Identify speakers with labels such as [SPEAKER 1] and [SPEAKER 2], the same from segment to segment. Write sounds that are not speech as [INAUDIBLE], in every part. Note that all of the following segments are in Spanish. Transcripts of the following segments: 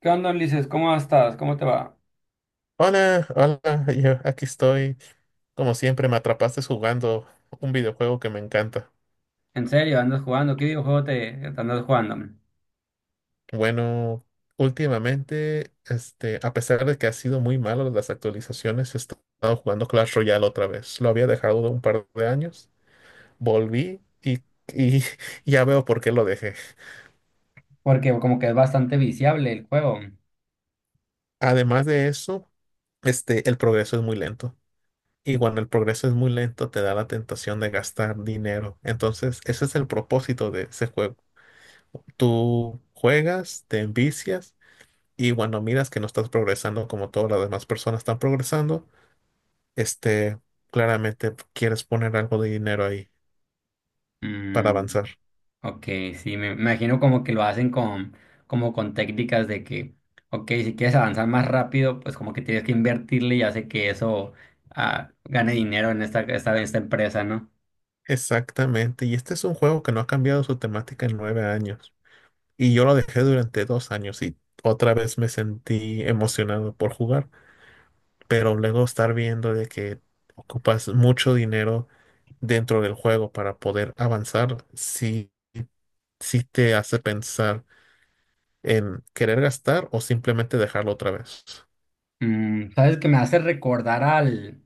[SPEAKER 1] ¿Qué onda, Ulises? ¿Cómo estás? ¿Cómo te va?
[SPEAKER 2] Hola, hola, [LAUGHS] yo aquí estoy. Como siempre, me atrapaste jugando un videojuego que me encanta.
[SPEAKER 1] ¿En serio? ¿Andas jugando? ¿Qué videojuego te andas jugando?
[SPEAKER 2] Bueno, últimamente, a pesar de que ha sido muy malo las actualizaciones, he estado jugando Clash Royale otra vez. Lo había dejado de un par de años, volví y [LAUGHS] ya veo por qué lo dejé.
[SPEAKER 1] Porque como que es bastante viciable el juego.
[SPEAKER 2] Además de eso, el progreso es muy lento. Y cuando el progreso es muy lento, te da la tentación de gastar dinero. Entonces, ese es el propósito de ese juego. Tú juegas, te envicias y cuando miras que no estás progresando como todas las demás personas están progresando, este, claramente quieres poner algo de dinero ahí para
[SPEAKER 1] Mm,
[SPEAKER 2] avanzar.
[SPEAKER 1] ok, sí, me imagino como que lo hacen con, como con técnicas de que, ok, si quieres avanzar más rápido, pues como que tienes que invertirle y hace que eso gane dinero en esta empresa, ¿no?
[SPEAKER 2] Exactamente, y este es un juego que no ha cambiado su temática en 9 años. Y yo lo dejé durante 2 años y otra vez me sentí emocionado por jugar, pero luego estar viendo de que ocupas mucho dinero dentro del juego para poder avanzar, sí, sí te hace pensar en querer gastar o simplemente dejarlo otra vez.
[SPEAKER 1] ¿Sabes? Que me hace recordar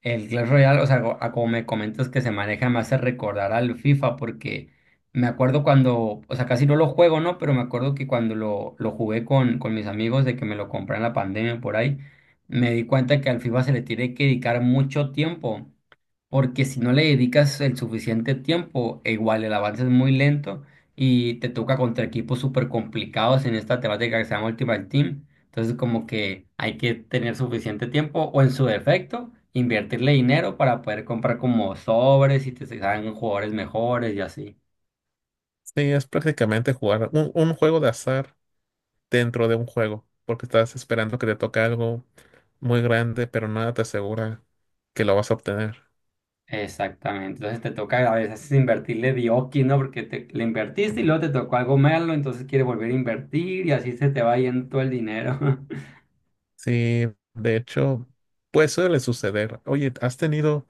[SPEAKER 1] El Clash Royale, o sea, a como me comentas que se maneja, me hace recordar al FIFA porque me acuerdo cuando, o sea, casi no lo juego, ¿no? Pero me acuerdo que cuando lo jugué con mis amigos de que me lo compré en la pandemia por ahí, me di cuenta que al FIFA se le tiene que dedicar mucho tiempo porque si no le dedicas el suficiente tiempo, e igual el avance es muy lento y te toca contra equipos súper complicados en esta temática que se llama Ultimate Team. Entonces, como que hay que tener suficiente tiempo o en su defecto, invertirle dinero para poder comprar como sobres y te salgan jugadores mejores y así.
[SPEAKER 2] Sí, es prácticamente jugar un juego de azar dentro de un juego, porque estás esperando que te toque algo muy grande, pero nada te asegura que lo vas a obtener.
[SPEAKER 1] Exactamente, entonces te toca a veces invertirle dioki, ¿no? Porque le invertiste y luego te tocó algo malo, entonces quieres volver a invertir y así se te va yendo todo el dinero. [LAUGHS]
[SPEAKER 2] Sí, de hecho, pues suele suceder. Oye, ¿has tenido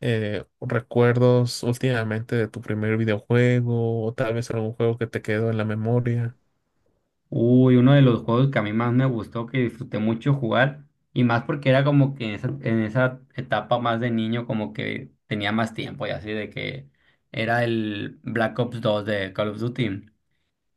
[SPEAKER 2] recuerdos últimamente de tu primer videojuego o tal vez algún juego que te quedó en la memoria?
[SPEAKER 1] Uy, uno de los juegos que a mí más me gustó, que disfruté mucho jugar, y más porque era como que en esa etapa más de niño, como que tenía más tiempo y así, de que era el Black Ops 2 de Call of Duty.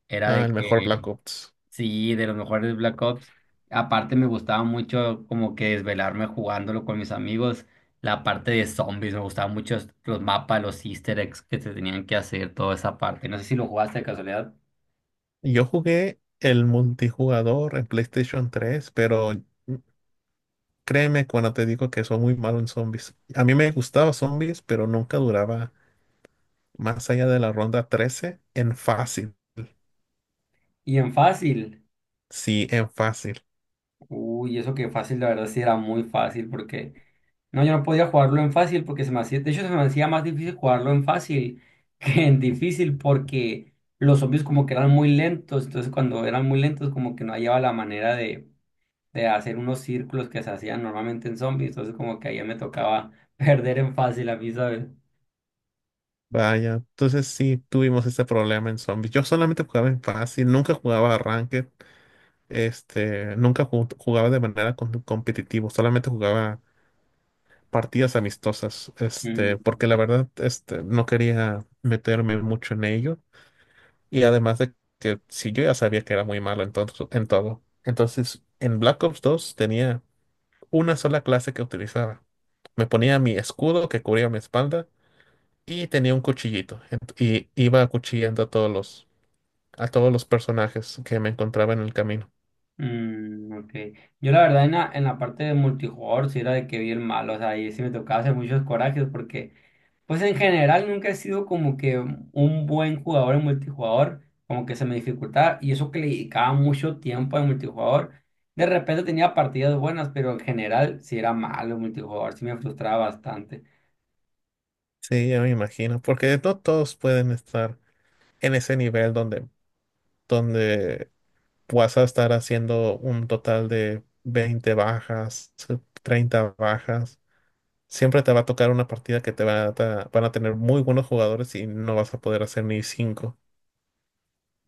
[SPEAKER 1] Era
[SPEAKER 2] Ah,
[SPEAKER 1] de
[SPEAKER 2] el mejor Black
[SPEAKER 1] que,
[SPEAKER 2] Ops.
[SPEAKER 1] sí, de los mejores Black Ops. Aparte me gustaba mucho como que desvelarme jugándolo con mis amigos, la parte de zombies, me gustaban mucho los mapas, los easter eggs que se tenían que hacer, toda esa parte. No sé si lo jugaste de casualidad.
[SPEAKER 2] Yo jugué el multijugador en PlayStation 3, pero créeme cuando te digo que soy muy malo en zombies. A mí me gustaba zombies, pero nunca duraba más allá de la ronda 13 en fácil.
[SPEAKER 1] Y en fácil.
[SPEAKER 2] Sí, en fácil.
[SPEAKER 1] Uy, eso que fácil, la verdad sí era muy fácil porque no, yo no podía jugarlo en fácil porque se me hacía, de hecho se me hacía más difícil jugarlo en fácil [LAUGHS] que en difícil porque los zombies como que eran muy lentos, entonces cuando eran muy lentos como que no hallaba la manera de hacer unos círculos que se hacían normalmente en zombies, entonces como que ahí me tocaba [LAUGHS] perder en fácil a mí, ¿sabes?
[SPEAKER 2] Vaya, entonces sí tuvimos ese problema en zombies. Yo solamente jugaba en fácil, nunca jugaba ranked, nunca jugaba de manera competitiva, solamente jugaba partidas amistosas,
[SPEAKER 1] Mm,
[SPEAKER 2] porque la verdad, no quería meterme mucho en ello. Y además de que si yo ya sabía que era muy malo en todo, en todo. Entonces, en Black Ops 2 tenía una sola clase que utilizaba. Me ponía mi escudo que cubría mi espalda y tenía un cuchillito. Y iba acuchillando a todos los personajes que me encontraba en el camino.
[SPEAKER 1] mm, ok. Yo la verdad en la parte de multijugador sí era de que vi el malo, o sea, ahí sí me tocaba hacer muchos corajes porque. Pues en general nunca he sido como que un buen jugador en multijugador, como que se me dificultaba y eso que le dedicaba mucho tiempo en multijugador. De repente tenía partidas buenas, pero en general sí era malo en multijugador, sí me frustraba bastante.
[SPEAKER 2] Sí, ya me imagino, porque no todos pueden estar en ese nivel donde, donde vas a estar haciendo un total de 20 bajas, 30 bajas. Siempre te va a tocar una partida que te va a ta- van a tener muy buenos jugadores y no vas a poder hacer ni cinco.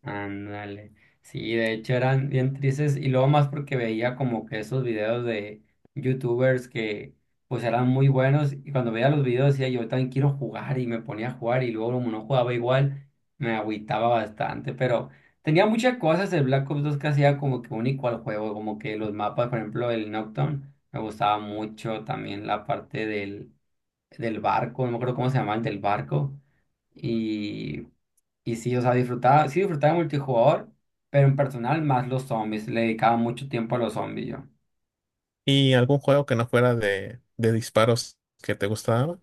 [SPEAKER 1] Ándale. Sí, de hecho eran bien tristes y luego más porque veía como que esos videos de youtubers que pues eran muy buenos y cuando veía los videos decía yo también quiero jugar y me ponía a jugar y luego como no jugaba igual me agüitaba bastante, pero tenía muchas cosas el Black Ops 2 que hacía como que único al juego, como que los mapas, por ejemplo, el Nocturne me gustaba mucho, también la parte del barco, no me acuerdo cómo se llamaba el del barco. Y y sí, o sea, disfrutaba, sí disfrutaba de multijugador, pero en personal más los zombies. Le dedicaba mucho tiempo a los zombies yo.
[SPEAKER 2] ¿Y algún juego que no fuera de disparos que te gustaba?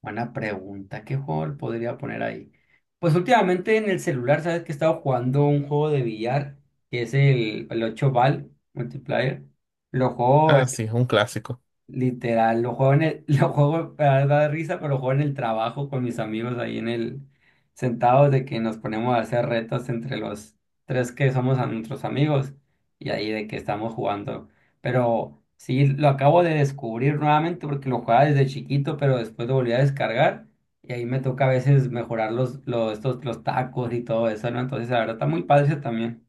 [SPEAKER 1] Buena pregunta, ¿qué juego le podría poner ahí? Pues últimamente en el celular, ¿sabes que he estado jugando un juego de billar? Que es el 8 Ball Multiplayer. Lo juego.
[SPEAKER 2] Ah, sí, un clásico.
[SPEAKER 1] Literal, lo juego en el, [LAUGHS] lo juego para dar risa, pero lo juego en el trabajo con mis amigos ahí en el, sentados de que nos ponemos a hacer retos entre los tres que somos a nuestros amigos y ahí de que estamos jugando. Pero sí, lo acabo de descubrir nuevamente porque lo jugaba desde chiquito, pero después lo volví a descargar y ahí me toca a veces mejorar los tacos y todo eso, ¿no? Entonces, la verdad está muy padre ese también.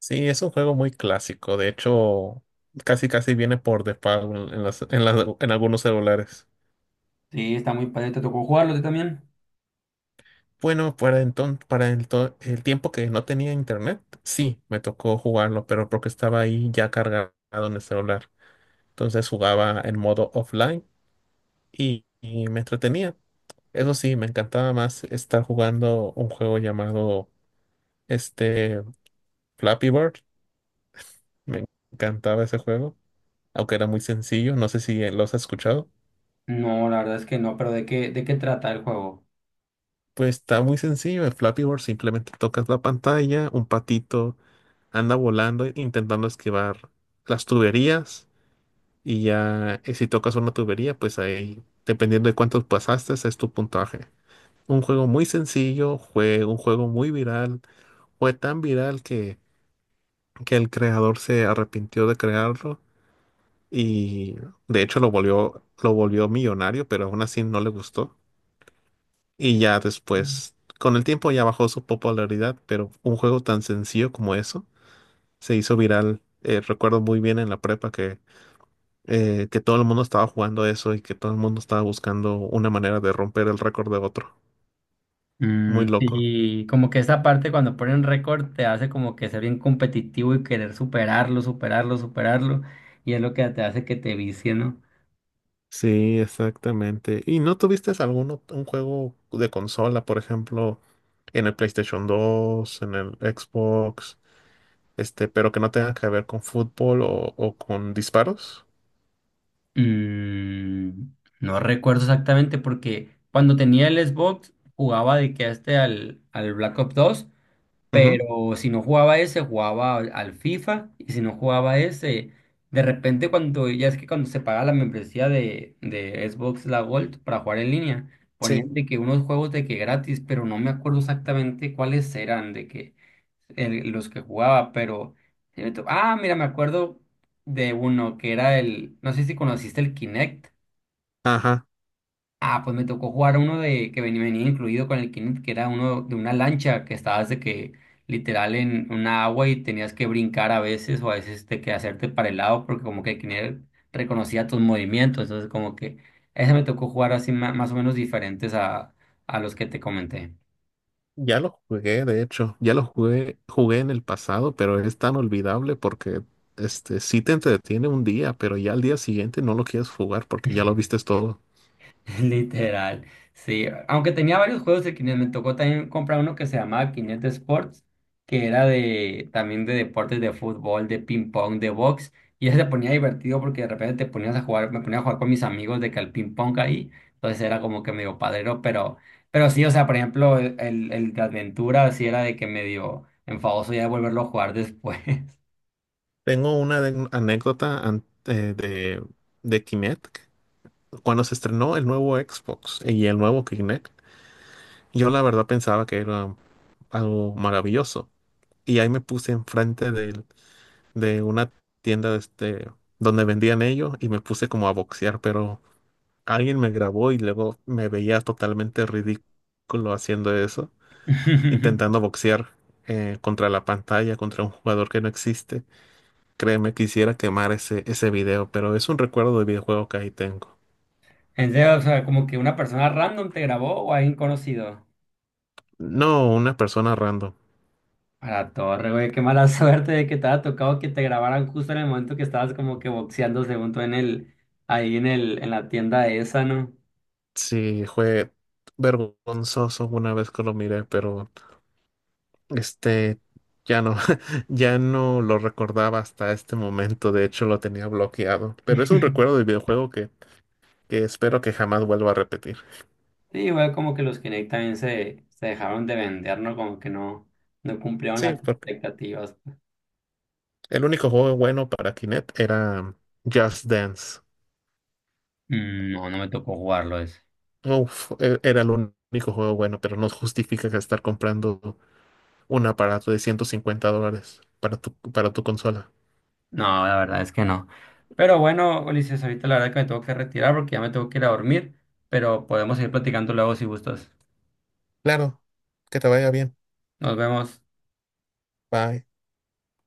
[SPEAKER 2] Sí, es un juego muy clásico. De hecho, casi casi viene por default en las- en las- en algunos celulares.
[SPEAKER 1] Sí, está muy padre. ¿Te tocó jugarlo a ti también?
[SPEAKER 2] Bueno, para enton- para el, to- el tiempo que no tenía internet, sí, me tocó jugarlo, pero porque estaba ahí ya cargado en el celular. Entonces jugaba en modo offline y me entretenía. Eso sí, me encantaba más estar jugando un juego llamado este Flappy Bird. Me encantaba ese juego, aunque era muy sencillo. No sé si lo has escuchado.
[SPEAKER 1] No, la verdad es que no, pero ¿de qué trata el juego?
[SPEAKER 2] Pues está muy sencillo. En Flappy Bird simplemente tocas la pantalla, un patito anda volando intentando esquivar las tuberías y ya si tocas una tubería, pues ahí, dependiendo de cuántos pasaste, es tu puntaje. Un juego muy sencillo, fue un juego muy viral, fue tan viral que el creador se arrepintió de crearlo y de hecho lo volvió millonario, pero aún así no le gustó. Y ya después, con el tiempo ya bajó su popularidad, pero un juego tan sencillo como eso se hizo viral. Recuerdo muy bien en la prepa que todo el mundo estaba jugando eso y que todo el mundo estaba buscando una manera de romper el récord de otro. Muy loco.
[SPEAKER 1] Y como que esa parte cuando ponen récord te hace como que ser bien competitivo y querer superarlo, superarlo, superarlo. Y es lo que te hace que te vicie, ¿no?
[SPEAKER 2] Sí, exactamente. ¿Y no tuviste algún un juego de consola, por ejemplo, en el PlayStation 2, en el Xbox, pero que no tenga que ver con fútbol o con disparos?
[SPEAKER 1] Mm, no recuerdo exactamente porque cuando tenía el Xbox jugaba de que a este al Black Ops 2.
[SPEAKER 2] Ujú.
[SPEAKER 1] Pero si no jugaba ese, jugaba al FIFA. Y si no jugaba ese, de repente cuando, ya es que cuando se pagaba la membresía de Xbox La Gold para jugar en línea,
[SPEAKER 2] Sí.
[SPEAKER 1] ponían de que unos juegos de que gratis, pero no me acuerdo exactamente cuáles eran, de que los que jugaba, pero. Mira, me acuerdo de uno que era el. No sé si conociste el Kinect.
[SPEAKER 2] Ajá.
[SPEAKER 1] Pues me tocó jugar uno de que venía incluido con el Kinect, que era uno de una lancha que estabas de que literal en una agua y tenías que brincar a veces o a veces de que hacerte para el lado porque como que el Kinect reconocía tus movimientos, entonces como que ese me tocó jugar así más, o menos diferentes a los que te comenté.
[SPEAKER 2] Ya lo jugué, de hecho. Ya lo jugué, jugué en el pasado, pero es tan olvidable porque este sí te entretiene un día, pero ya al día siguiente no lo quieres jugar porque ya lo vistes todo.
[SPEAKER 1] [LAUGHS] Literal, sí. Aunque tenía varios juegos de Kinect, me tocó también comprar uno que se llamaba Kinect Sports, que era de también de deportes de fútbol, de ping pong, de box, y ese se ponía divertido porque de repente te ponías a jugar, me ponía a jugar con mis amigos de que al ping pong ahí, entonces era como que medio padrero, pero sí, o sea, por ejemplo, el de aventura sí era de que medio enfadoso ya de volverlo a jugar después.
[SPEAKER 2] Tengo una anécdota de, Kinect. Cuando se estrenó el nuevo Xbox y el nuevo Kinect, yo la verdad pensaba que era algo maravilloso. Y ahí me puse enfrente de una tienda donde vendían ellos y me puse como a boxear, pero alguien me grabó y luego me veía totalmente ridículo haciendo eso,
[SPEAKER 1] [LAUGHS]
[SPEAKER 2] intentando boxear contra la pantalla, contra un jugador que no existe. Créeme, quisiera quemar ese video, pero es un recuerdo de videojuego que ahí tengo.
[SPEAKER 1] En serio, o sea, como que una persona random te grabó o alguien conocido.
[SPEAKER 2] No, una persona random.
[SPEAKER 1] A la torre, güey, qué mala [LAUGHS] suerte de que te haya tocado que te grabaran justo en el momento que estabas como que boxeando según tú en el, ahí en el, en la tienda esa, ¿no?
[SPEAKER 2] Sí, fue vergonzoso una vez que lo miré, pero este ya no, [LAUGHS] ya no lo recordaba hasta este momento. De hecho, lo tenía bloqueado. Pero es un recuerdo
[SPEAKER 1] [LAUGHS]
[SPEAKER 2] del videojuego que espero que jamás vuelva a repetir.
[SPEAKER 1] Sí, igual como que los Kinect también se dejaron de vender, ¿no? Como que no, no cumplieron las
[SPEAKER 2] Sí, porque
[SPEAKER 1] expectativas.
[SPEAKER 2] el único juego bueno para Kinect era Just Dance.
[SPEAKER 1] Mm, no, no me tocó jugarlo ese.
[SPEAKER 2] Uf, era el único juego bueno, pero no justifica que estar comprando un aparato de $150 para tu consola.
[SPEAKER 1] No, la verdad es que no. Pero bueno, Ulises, ahorita la verdad que me tengo que retirar porque ya me tengo que ir a dormir, pero podemos seguir platicando luego si gustas.
[SPEAKER 2] Claro, que te vaya bien.
[SPEAKER 1] Nos vemos.
[SPEAKER 2] Bye.